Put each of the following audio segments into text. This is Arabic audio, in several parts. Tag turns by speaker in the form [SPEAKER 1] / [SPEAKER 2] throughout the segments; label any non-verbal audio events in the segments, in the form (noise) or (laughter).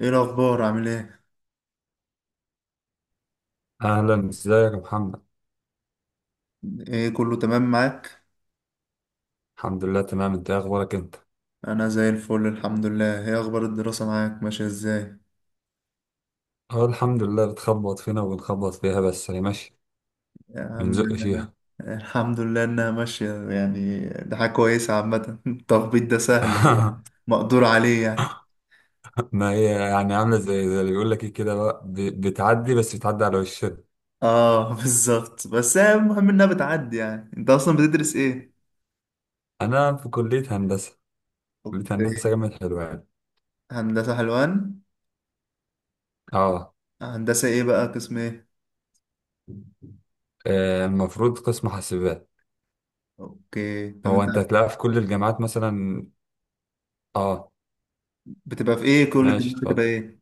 [SPEAKER 1] ايه الاخبار؟ عامل ايه؟
[SPEAKER 2] أهلا، إزيك يا محمد.
[SPEAKER 1] ايه كله تمام معاك؟
[SPEAKER 2] الحمد لله تمام، أنت إيه أخبارك أنت؟
[SPEAKER 1] انا زي الفل الحمد لله. ايه اخبار الدراسة معاك؟ ماشية ازاي؟
[SPEAKER 2] أه، الحمد لله، بتخبط فينا وبنخبط فيها، بس هي ماشية.
[SPEAKER 1] يا عم
[SPEAKER 2] بنزق فيها.
[SPEAKER 1] الحمد لله انها ماشية، يعني ده حاجة كويسة عامة. (laughs) التخبيط ده سهل،
[SPEAKER 2] (laughs)
[SPEAKER 1] مقدور عليه يعني.
[SPEAKER 2] ما هي يعني عاملة زي اللي بيقول لك إيه، كده بقى، بتعدي، بس بتعدي على وشنا.
[SPEAKER 1] اه (laughs) بالظبط، بس هي المهم انها بتعدي. يعني انت اصلا بتدرس ايه؟
[SPEAKER 2] أنا في كلية هندسة. كلية هندسة
[SPEAKER 1] اوكي.
[SPEAKER 2] جامعة حلوان.
[SPEAKER 1] هندسة حلوان.
[SPEAKER 2] أه.
[SPEAKER 1] هندسة ايه بقى؟ قسم ايه؟
[SPEAKER 2] المفروض قسم حاسبات.
[SPEAKER 1] اوكي، طب
[SPEAKER 2] هو
[SPEAKER 1] انت
[SPEAKER 2] أنت هتلاقيها في كل الجامعات مثلا. أه.
[SPEAKER 1] بتبقى في ايه؟ كل
[SPEAKER 2] ماشي
[SPEAKER 1] الجامعات
[SPEAKER 2] اتفضل.
[SPEAKER 1] بتبقى ايه؟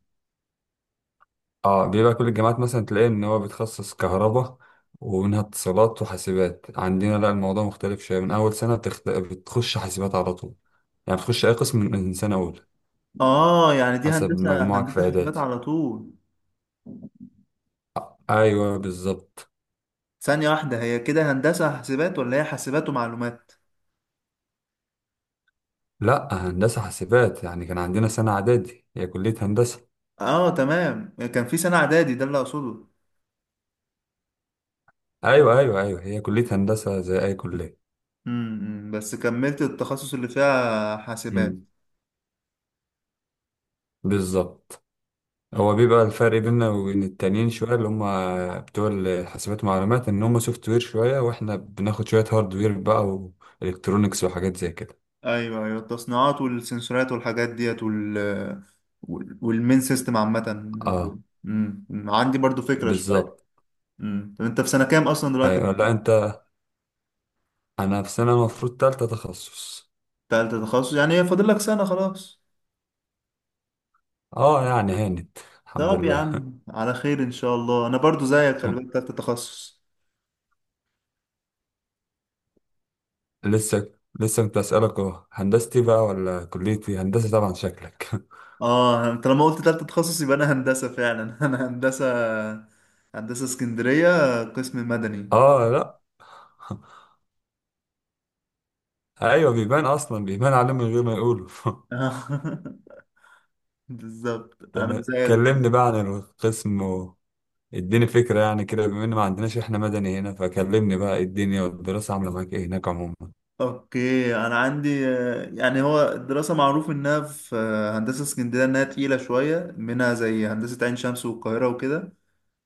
[SPEAKER 2] اه، بيبقى كل الجامعات مثلا تلاقيه ان هو بيتخصص كهرباء، ومنها اتصالات وحاسبات. عندنا لا، الموضوع مختلف شويه، من اول سنه بتخش حاسبات على طول. يعني بتخش اي قسم من سنه اولى،
[SPEAKER 1] اه، يعني دي
[SPEAKER 2] حسب
[SPEAKER 1] هندسة،
[SPEAKER 2] مجموعك في
[SPEAKER 1] هندسة حاسبات
[SPEAKER 2] اعدادي.
[SPEAKER 1] على طول.
[SPEAKER 2] ايوه بالظبط.
[SPEAKER 1] ثانية واحدة، هي كده هندسة حاسبات ولا هي حاسبات ومعلومات؟
[SPEAKER 2] لا، هندسه حاسبات، يعني كان عندنا سنه اعدادي، هي كليه هندسه.
[SPEAKER 1] اه تمام، كان في سنة إعدادي، ده اللي أقصده.
[SPEAKER 2] ايوه ايوه ايوه، هي كليه هندسه زي اي كليه.
[SPEAKER 1] بس كملت التخصص اللي فيها حاسبات.
[SPEAKER 2] امم. بالظبط. هو
[SPEAKER 1] امم.
[SPEAKER 2] بيبقى الفرق بيننا وبين التانيين شوية، اللي هم بتوع الحاسبات والمعلومات إن هم سوفت وير شوية، وإحنا بناخد شوية هاردوير بقى، وإلكترونيكس وحاجات زي كده.
[SPEAKER 1] أيوه أيوه، التصنيعات والسنسورات والحاجات ديت، وال والمين سيستم عامة.
[SPEAKER 2] اه.
[SPEAKER 1] عندي برضو فكرة شوية.
[SPEAKER 2] بالظبط.
[SPEAKER 1] طب أنت في سنة كام أصلا دلوقتي؟
[SPEAKER 2] أيوة. لا أنت، أنا في سنة المفروض تالتة تخصص.
[SPEAKER 1] تالتة تخصص، يعني هي فاضل لك سنة خلاص.
[SPEAKER 2] اه يعني هانت، الحمد
[SPEAKER 1] طب يا
[SPEAKER 2] لله.
[SPEAKER 1] عم على خير إن شاء الله، أنا برضو زيك، خلي
[SPEAKER 2] أم،
[SPEAKER 1] بالك، تالتة تخصص.
[SPEAKER 2] لسه. لسه كنت أسألك أهو هندستي بقى ولا كليتي. هندسة طبعا شكلك. (laughs)
[SPEAKER 1] اه، انت لما قلت تالتة تخصص يبقى انا هندسة فعلا. (laughs) انا هندسة، هندسة اسكندرية قسم مدني.
[SPEAKER 2] اه لا. أيوة بيبان، أصلا بيبان عليه من غير ما يقولوا. (laughs)
[SPEAKER 1] (laughs) بالظبط، انا
[SPEAKER 2] تمام،
[SPEAKER 1] زيك برضه.
[SPEAKER 2] كلمني بقى عن القسم. اديني فكرة يعني كده، بما ان ما عندناش احنا مدني هنا، فكلمني بقى إيه الدنيا والدراسة عاملة معاك ايه هناك عموما.
[SPEAKER 1] اوكي، انا عندي يعني هو الدراسة معروف انها في هندسة اسكندرية، انها تقيلة شوية، منها زي هندسة عين شمس والقاهرة وكده.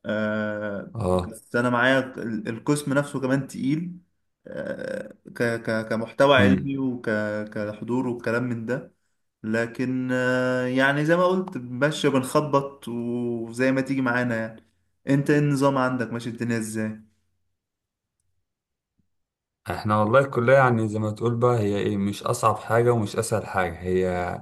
[SPEAKER 1] آه
[SPEAKER 2] اه.
[SPEAKER 1] بس انا معايا القسم نفسه كمان تقيل. ك ك كمحتوى
[SPEAKER 2] امم.
[SPEAKER 1] علمي، وك كحضور وكلام من ده. لكن يعني زي ما قلت، ماشي بنخبط، وزي ما تيجي معانا يعني. انت إيه النظام عندك؟ ماشي الدنيا ازاي؟
[SPEAKER 2] احنا والله الكلية يعني زي ما تقول بقى، هي ايه، مش اصعب حاجة ومش اسهل حاجة، هي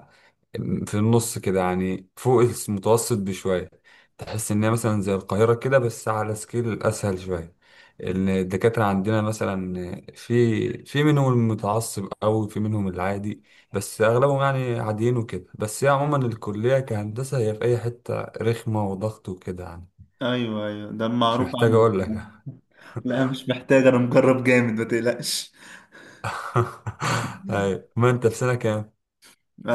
[SPEAKER 2] في النص كده يعني، فوق المتوسط بشوية. تحس إن هي مثلا زي القاهرة كده بس على سكيل أسهل شوية. إن الدكاترة عندنا مثلا في منهم المتعصب أوي، في منهم العادي، بس أغلبهم يعني عاديين وكده. بس هي عموما الكلية كهندسة هي في أي حتة رخمة وضغط وكده يعني.
[SPEAKER 1] ايوه ايوه، ده
[SPEAKER 2] مش
[SPEAKER 1] معروف
[SPEAKER 2] محتاج
[SPEAKER 1] عنه.
[SPEAKER 2] أقول لك
[SPEAKER 1] (laughs)
[SPEAKER 2] يعني.
[SPEAKER 1] لا مش محتاج، انا مجرب جامد ما تقلقش.
[SPEAKER 2] (laughs) أيوة. ما أنت في سنة كام؟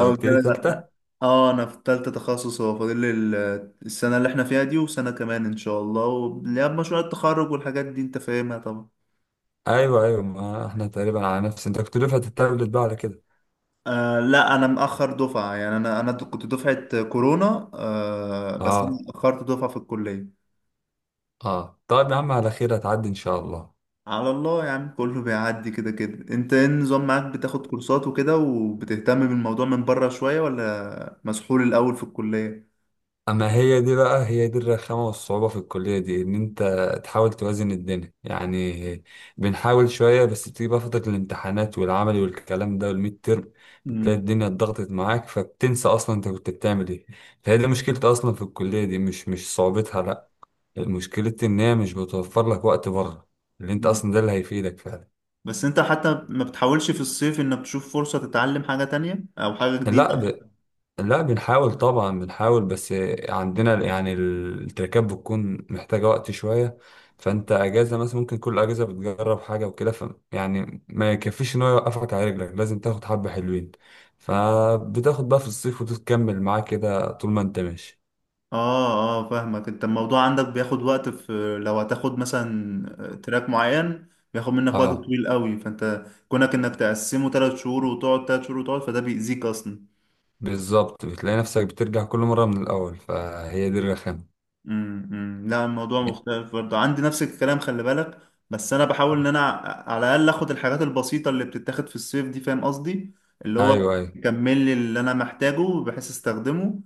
[SPEAKER 2] أنت قلت
[SPEAKER 1] قلت
[SPEAKER 2] لي
[SPEAKER 1] لك.
[SPEAKER 2] تالتة؟
[SPEAKER 1] اه انا في تالتة تخصص، هو فاضل لي السنة اللي احنا فيها دي وسنة كمان ان شاء الله، واللي هي مشروع التخرج والحاجات دي انت فاهمها طبعا.
[SPEAKER 2] أيوه أيوه، ما إحنا تقريبا على نفس. أنت كنت دفعة التابلت بقى على كده.
[SPEAKER 1] آه لا، انا مأخر دفعة، يعني انا كنت دفعة كورونا، بس انا
[SPEAKER 2] اه.
[SPEAKER 1] اتأخرت دفعة في الكلية.
[SPEAKER 2] اه طيب، يا عم على خير، هتعدي ان شاء الله.
[SPEAKER 1] على الله يا عم، كله بيعدي كده كده. انت ايه النظام معاك؟ بتاخد كورسات وكده وبتهتم بالموضوع من بره شوية، ولا مسحول الاول في الكلية؟
[SPEAKER 2] اما هي دي بقى، هي دي الرخامه والصعوبه في الكليه دي، ان انت تحاول توازن الدنيا يعني. بنحاول شويه، بس بتيجي بقى فتره الامتحانات والعملي والكلام ده والميد ترم، بتلاقي
[SPEAKER 1] مم.
[SPEAKER 2] الدنيا اتضغطت معاك، فبتنسى اصلا انت كنت بتعمل ايه. فهي دي مشكلتي اصلا في الكليه دي، مش صعوبتها لا، مشكلتي ان هي مش بتوفر لك وقت بره، اللي انت
[SPEAKER 1] مم.
[SPEAKER 2] اصلا ده اللي هيفيدك فعلا.
[SPEAKER 1] بس انت حتى ما بتحاولش في الصيف انك تشوف فرصة تتعلم حاجة تانية او حاجة جديدة؟
[SPEAKER 2] لا. بنحاول طبعا، بنحاول، بس عندنا يعني التركات بتكون محتاجة وقت شوية. فانت اجازة مثلا، ممكن كل اجازة بتجرب حاجة وكده، ف يعني ما يكفيش ان هو يوقفك على رجلك، لازم تاخد حبة حلوين، فبتاخد بقى في الصيف وتكمل معاه كده طول ما انت ماشي.
[SPEAKER 1] اه. اه فاهمك. انت الموضوع عندك بياخد وقت في لو هتاخد مثلا تراك معين، بياخد منك وقت
[SPEAKER 2] اه.
[SPEAKER 1] طويل قوي، فانت كونك انك تقسمه ثلاث شهور وتقعد ثلاث شهور وتقعد، فده بيأذيك اصلا.
[SPEAKER 2] بالظبط، بتلاقي نفسك بترجع كل مرة من الاول، فهي دي الرخامة.
[SPEAKER 1] امم، أمم. لا الموضوع مختلف برضه عندي، نفس الكلام خلي بالك. بس انا بحاول ان انا على الاقل اخد الحاجات البسيطه اللي بتتاخد في الصيف دي، فاهم قصدي؟ اللي هو
[SPEAKER 2] ايوه ايوه.
[SPEAKER 1] يكمل لي اللي انا محتاجه بحيث استخدمه.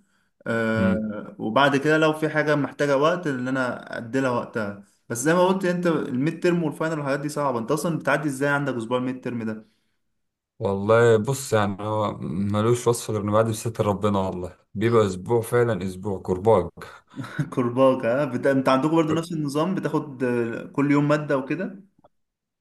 [SPEAKER 1] وبعد كده لو في حاجه محتاجه وقت اللي انا ادي لها وقتها. بس زي ما قلت، انت الميد ترم والفاينل والحاجات دي صعبه، انت اصلا بتعدي ازاي عندك اسبوع الميد ترم ده؟
[SPEAKER 2] والله بص، يعني هو ملوش وصف غير انه بعد بستر ربنا، والله بيبقى اسبوع فعلا، اسبوع كرباج.
[SPEAKER 1] (laughs) كرباك، ها، انت عندكم برضه نفس النظام، بتاخد كل يوم ماده وكده؟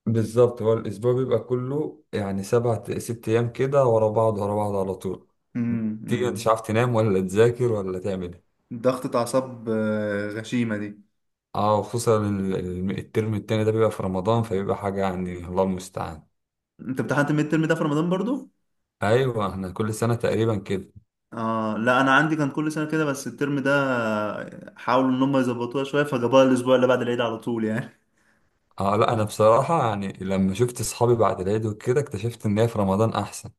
[SPEAKER 2] بالظبط، هو الاسبوع بيبقى كله يعني سبع ست ايام كده ورا بعض، ورا بعض على طول.
[SPEAKER 1] امم،
[SPEAKER 2] تيجي انت مش
[SPEAKER 1] أمم.
[SPEAKER 2] عارف تنام ولا تذاكر ولا تعمل ايه.
[SPEAKER 1] ضغطة أعصاب غشيمة دي.
[SPEAKER 2] اه، وخصوصا الترم التاني ده بيبقى في رمضان، فبيبقى حاجة يعني الله المستعان.
[SPEAKER 1] أنت امتحنت الميد ترم ده في رمضان برضو؟
[SPEAKER 2] ايوه، احنا كل سنة تقريبا كده.
[SPEAKER 1] آه لا، أنا عندي كان كل سنة كده، بس الترم ده حاولوا إن هم يظبطوها شوية، فجابوها الأسبوع اللي بعد العيد على طول يعني.
[SPEAKER 2] اه لا، انا بصراحة يعني لما شفت اصحابي بعد العيد وكده اكتشفت ان هي في رمضان احسن.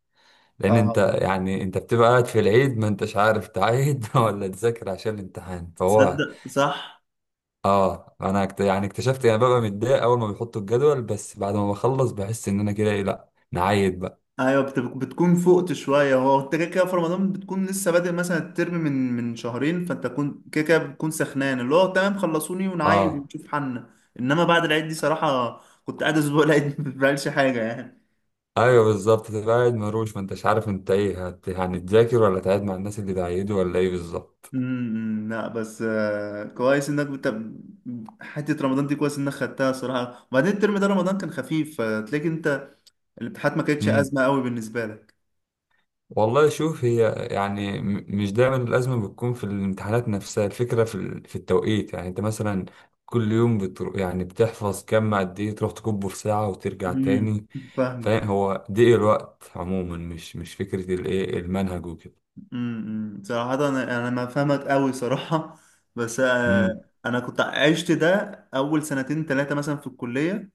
[SPEAKER 2] لان انت
[SPEAKER 1] آه،
[SPEAKER 2] يعني، انت بتبقى قاعد في العيد ما انتش عارف تعيد (laughs) ولا تذاكر عشان الامتحان، فهو.
[SPEAKER 1] تصدق صح.
[SPEAKER 2] اه، انا يعني اكتشفت يعني ببقى متضايق اول ما بيحطوا الجدول، بس بعد ما بخلص بحس ان انا كده ايه، لا نعيد بقى.
[SPEAKER 1] أيوة، بتكون فقت شوية. هو أنت كده كده في رمضان بتكون لسه بادئ مثلا الترم من شهرين، فأنت كون كده كده بتكون سخنان، اللي هو تمام خلصوني ونعايد
[SPEAKER 2] اه.
[SPEAKER 1] ونشوف حالنا. إنما بعد العيد دي صراحة كنت قاعد أسبوع العيد (laughs) ما بعملش حاجة يعني.
[SPEAKER 2] ايوه بالظبط، تبقى قاعد مروش، ما انتش عارف انت ايه يعني تذاكر ولا تعيد مع الناس اللي بعيدوا ولا ايه، بالظبط.
[SPEAKER 1] امم، لا بس كويس انك حته رمضان دي كويس انك خدتها صراحه، وبعدين الترم ده رمضان كان خفيف، فتلاقي انت الامتحانات ما كانتش
[SPEAKER 2] مم.
[SPEAKER 1] ازمه قوي بالنسبه لك.
[SPEAKER 2] والله شوف، هي يعني مش دايما الأزمة بتكون في الامتحانات نفسها، الفكرة في في التوقيت. يعني أنت مثلا كل يوم بتروح، يعني بتحفظ كم قد إيه، تروح تكبه في ساعة وترجع
[SPEAKER 1] امم.
[SPEAKER 2] تاني.
[SPEAKER 1] فاهمك.
[SPEAKER 2] فاهم، هو ضيق الوقت عموما، مش فكرة الإيه المنهج وكده.
[SPEAKER 1] صراحه انا، انا ما فاهمك قوي صراحه. بس
[SPEAKER 2] امم.
[SPEAKER 1] انا كنت عشت ده اول سنتين ثلاثه مثلا في الكليه،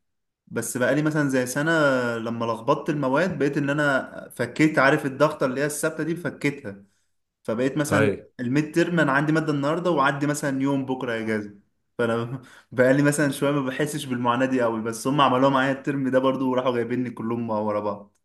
[SPEAKER 1] بس بقالي مثلا زي سنه لما لخبطت المواد، بقيت ان انا فكيت، عارف الضغطه اللي هي الثابته دي؟ فكيتها. فبقيت مثلا
[SPEAKER 2] طيب.
[SPEAKER 1] الميد ترم انا عندي ماده النهارده وعندي مثلا يوم بكره اجازه، فانا (laughs) بقالي مثلا شويه ما بحسش بالمعاناه دي قوي. بس هم عملوها معايا الترم ده برضو، وراحوا جايبيني كلهم ورا بعض.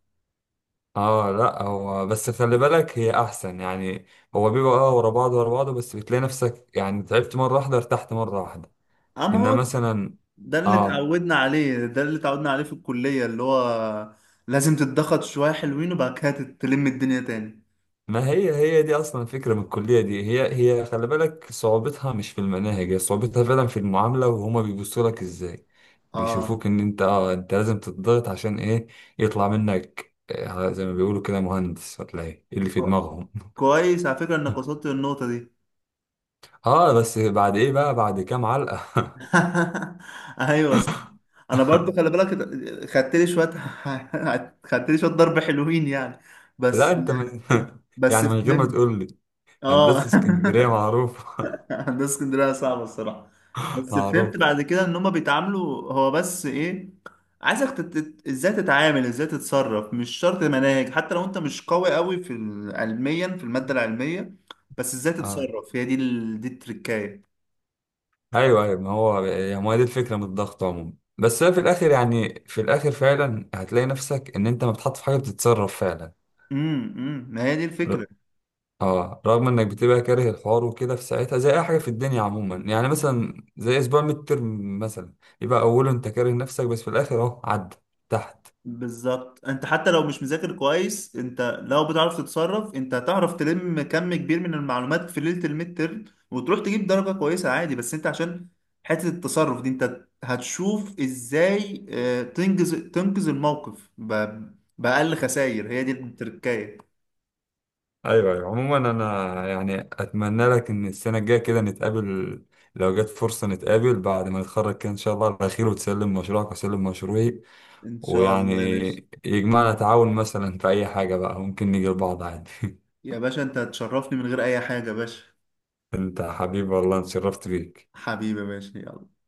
[SPEAKER 2] اه لا، هو بس خلي بالك هي أحسن يعني. هو بيبقى اه ورا بعض، ورا بعض، بس بتلاقي نفسك يعني تعبت مرة واحدة، ارتحت مرة واحدة.
[SPEAKER 1] اما
[SPEAKER 2] إنما
[SPEAKER 1] هو
[SPEAKER 2] مثلا.
[SPEAKER 1] ده اللي
[SPEAKER 2] اه.
[SPEAKER 1] اتعودنا عليه، ده اللي اتعودنا عليه في الكليه، اللي هو لازم تتضغط شويه حلوين وبعد كده تلم الدنيا تاني.
[SPEAKER 2] ما هي، هي دي اصلا الفكره من الكليه دي، هي هي خلي بالك صعوبتها مش في المناهج، هي صعوبتها فعلا في المعامله، وهما بيبصوا لك ازاي،
[SPEAKER 1] اه،
[SPEAKER 2] بيشوفوك ان انت اه انت لازم تتضغط عشان ايه، يطلع منك زي ما بيقولوا كده مهندس ولا ايه، إيه اللي في
[SPEAKER 1] كو-
[SPEAKER 2] دماغهم.
[SPEAKER 1] كويس على فكره انك وصلت للنقطه دي.
[SPEAKER 2] (laughs) اه بس بعد ايه بقى، بعد كام علقه.
[SPEAKER 1] (laughs) ايوه. انا برضو خلي
[SPEAKER 2] (laughs)
[SPEAKER 1] بالك، خدت لي شويه (laughs) خدت لي شويه ضرب حلوين يعني.
[SPEAKER 2] لا
[SPEAKER 1] بس
[SPEAKER 2] انت من. (laughs)
[SPEAKER 1] بس
[SPEAKER 2] يعني من غير ما
[SPEAKER 1] فهمت.
[SPEAKER 2] تقول لي، هندسه
[SPEAKER 1] اه.
[SPEAKER 2] اسكندريه
[SPEAKER 1] (laughs)
[SPEAKER 2] معروف.
[SPEAKER 1] هندسه اسكندريه صعبه الصراحه.
[SPEAKER 2] (laughs)
[SPEAKER 1] بس فهمت
[SPEAKER 2] معروف.
[SPEAKER 1] بعد كده ان هما بيتعاملوا، هو بس ايه؟ عايزك ازاي تتعامل، ازاي تتصرف. مش شرط مناهج، حتى لو انت مش قوي قوي في علميا في الماده العلميه، بس ازاي تتصرف. هي دي دي التركايه.
[SPEAKER 2] ايوه ايوه، ما هو يعني ما هي دي الفكره من الضغط عموما. بس هي في الاخر، يعني في الاخر فعلا هتلاقي نفسك ان انت بتحط في حاجه بتتصرف فعلا.
[SPEAKER 1] امم، أمم، ما هي دي
[SPEAKER 2] ر-
[SPEAKER 1] الفكره.
[SPEAKER 2] اه رغم انك بتبقى كاره الحوار وكده في ساعتها، زي اي حاجه في الدنيا عموما. يعني مثلا زي اسبوع ميد ترم مثلا، يبقى اوله انت كاره نفسك، بس في الاخر اهو عدى تحت.
[SPEAKER 1] بالظبط، انت حتى لو مش مذاكر كويس، انت لو بتعرف تتصرف انت هتعرف تلم كم كبير من المعلومات في ليلة الميد ترم وتروح تجيب درجة كويسة عادي. بس انت عشان حتة التصرف دي، انت هتشوف ازاي، تنقذ الموقف بأقل خسائر. هي دي التركاية.
[SPEAKER 2] ايوه ايوه. عموما انا يعني اتمنى لك ان السنه الجايه كده نتقابل، لو جت فرصه نتقابل بعد ما نتخرج كده ان شاء الله على خير، وتسلم مشروعك واسلم مشروعي،
[SPEAKER 1] ان شاء
[SPEAKER 2] ويعني
[SPEAKER 1] الله يا باشا.
[SPEAKER 2] يجمعنا تعاون مثلا في أي حاجة بقى، ممكن نيجي لبعض عادي.
[SPEAKER 1] يا باشا انت هتشرفني من غير اي حاجة يا باشا.
[SPEAKER 2] (laughs) أنت حبيبي والله، أنا اتشرفت بيك.
[SPEAKER 1] حبيبي يا باشا، يلا.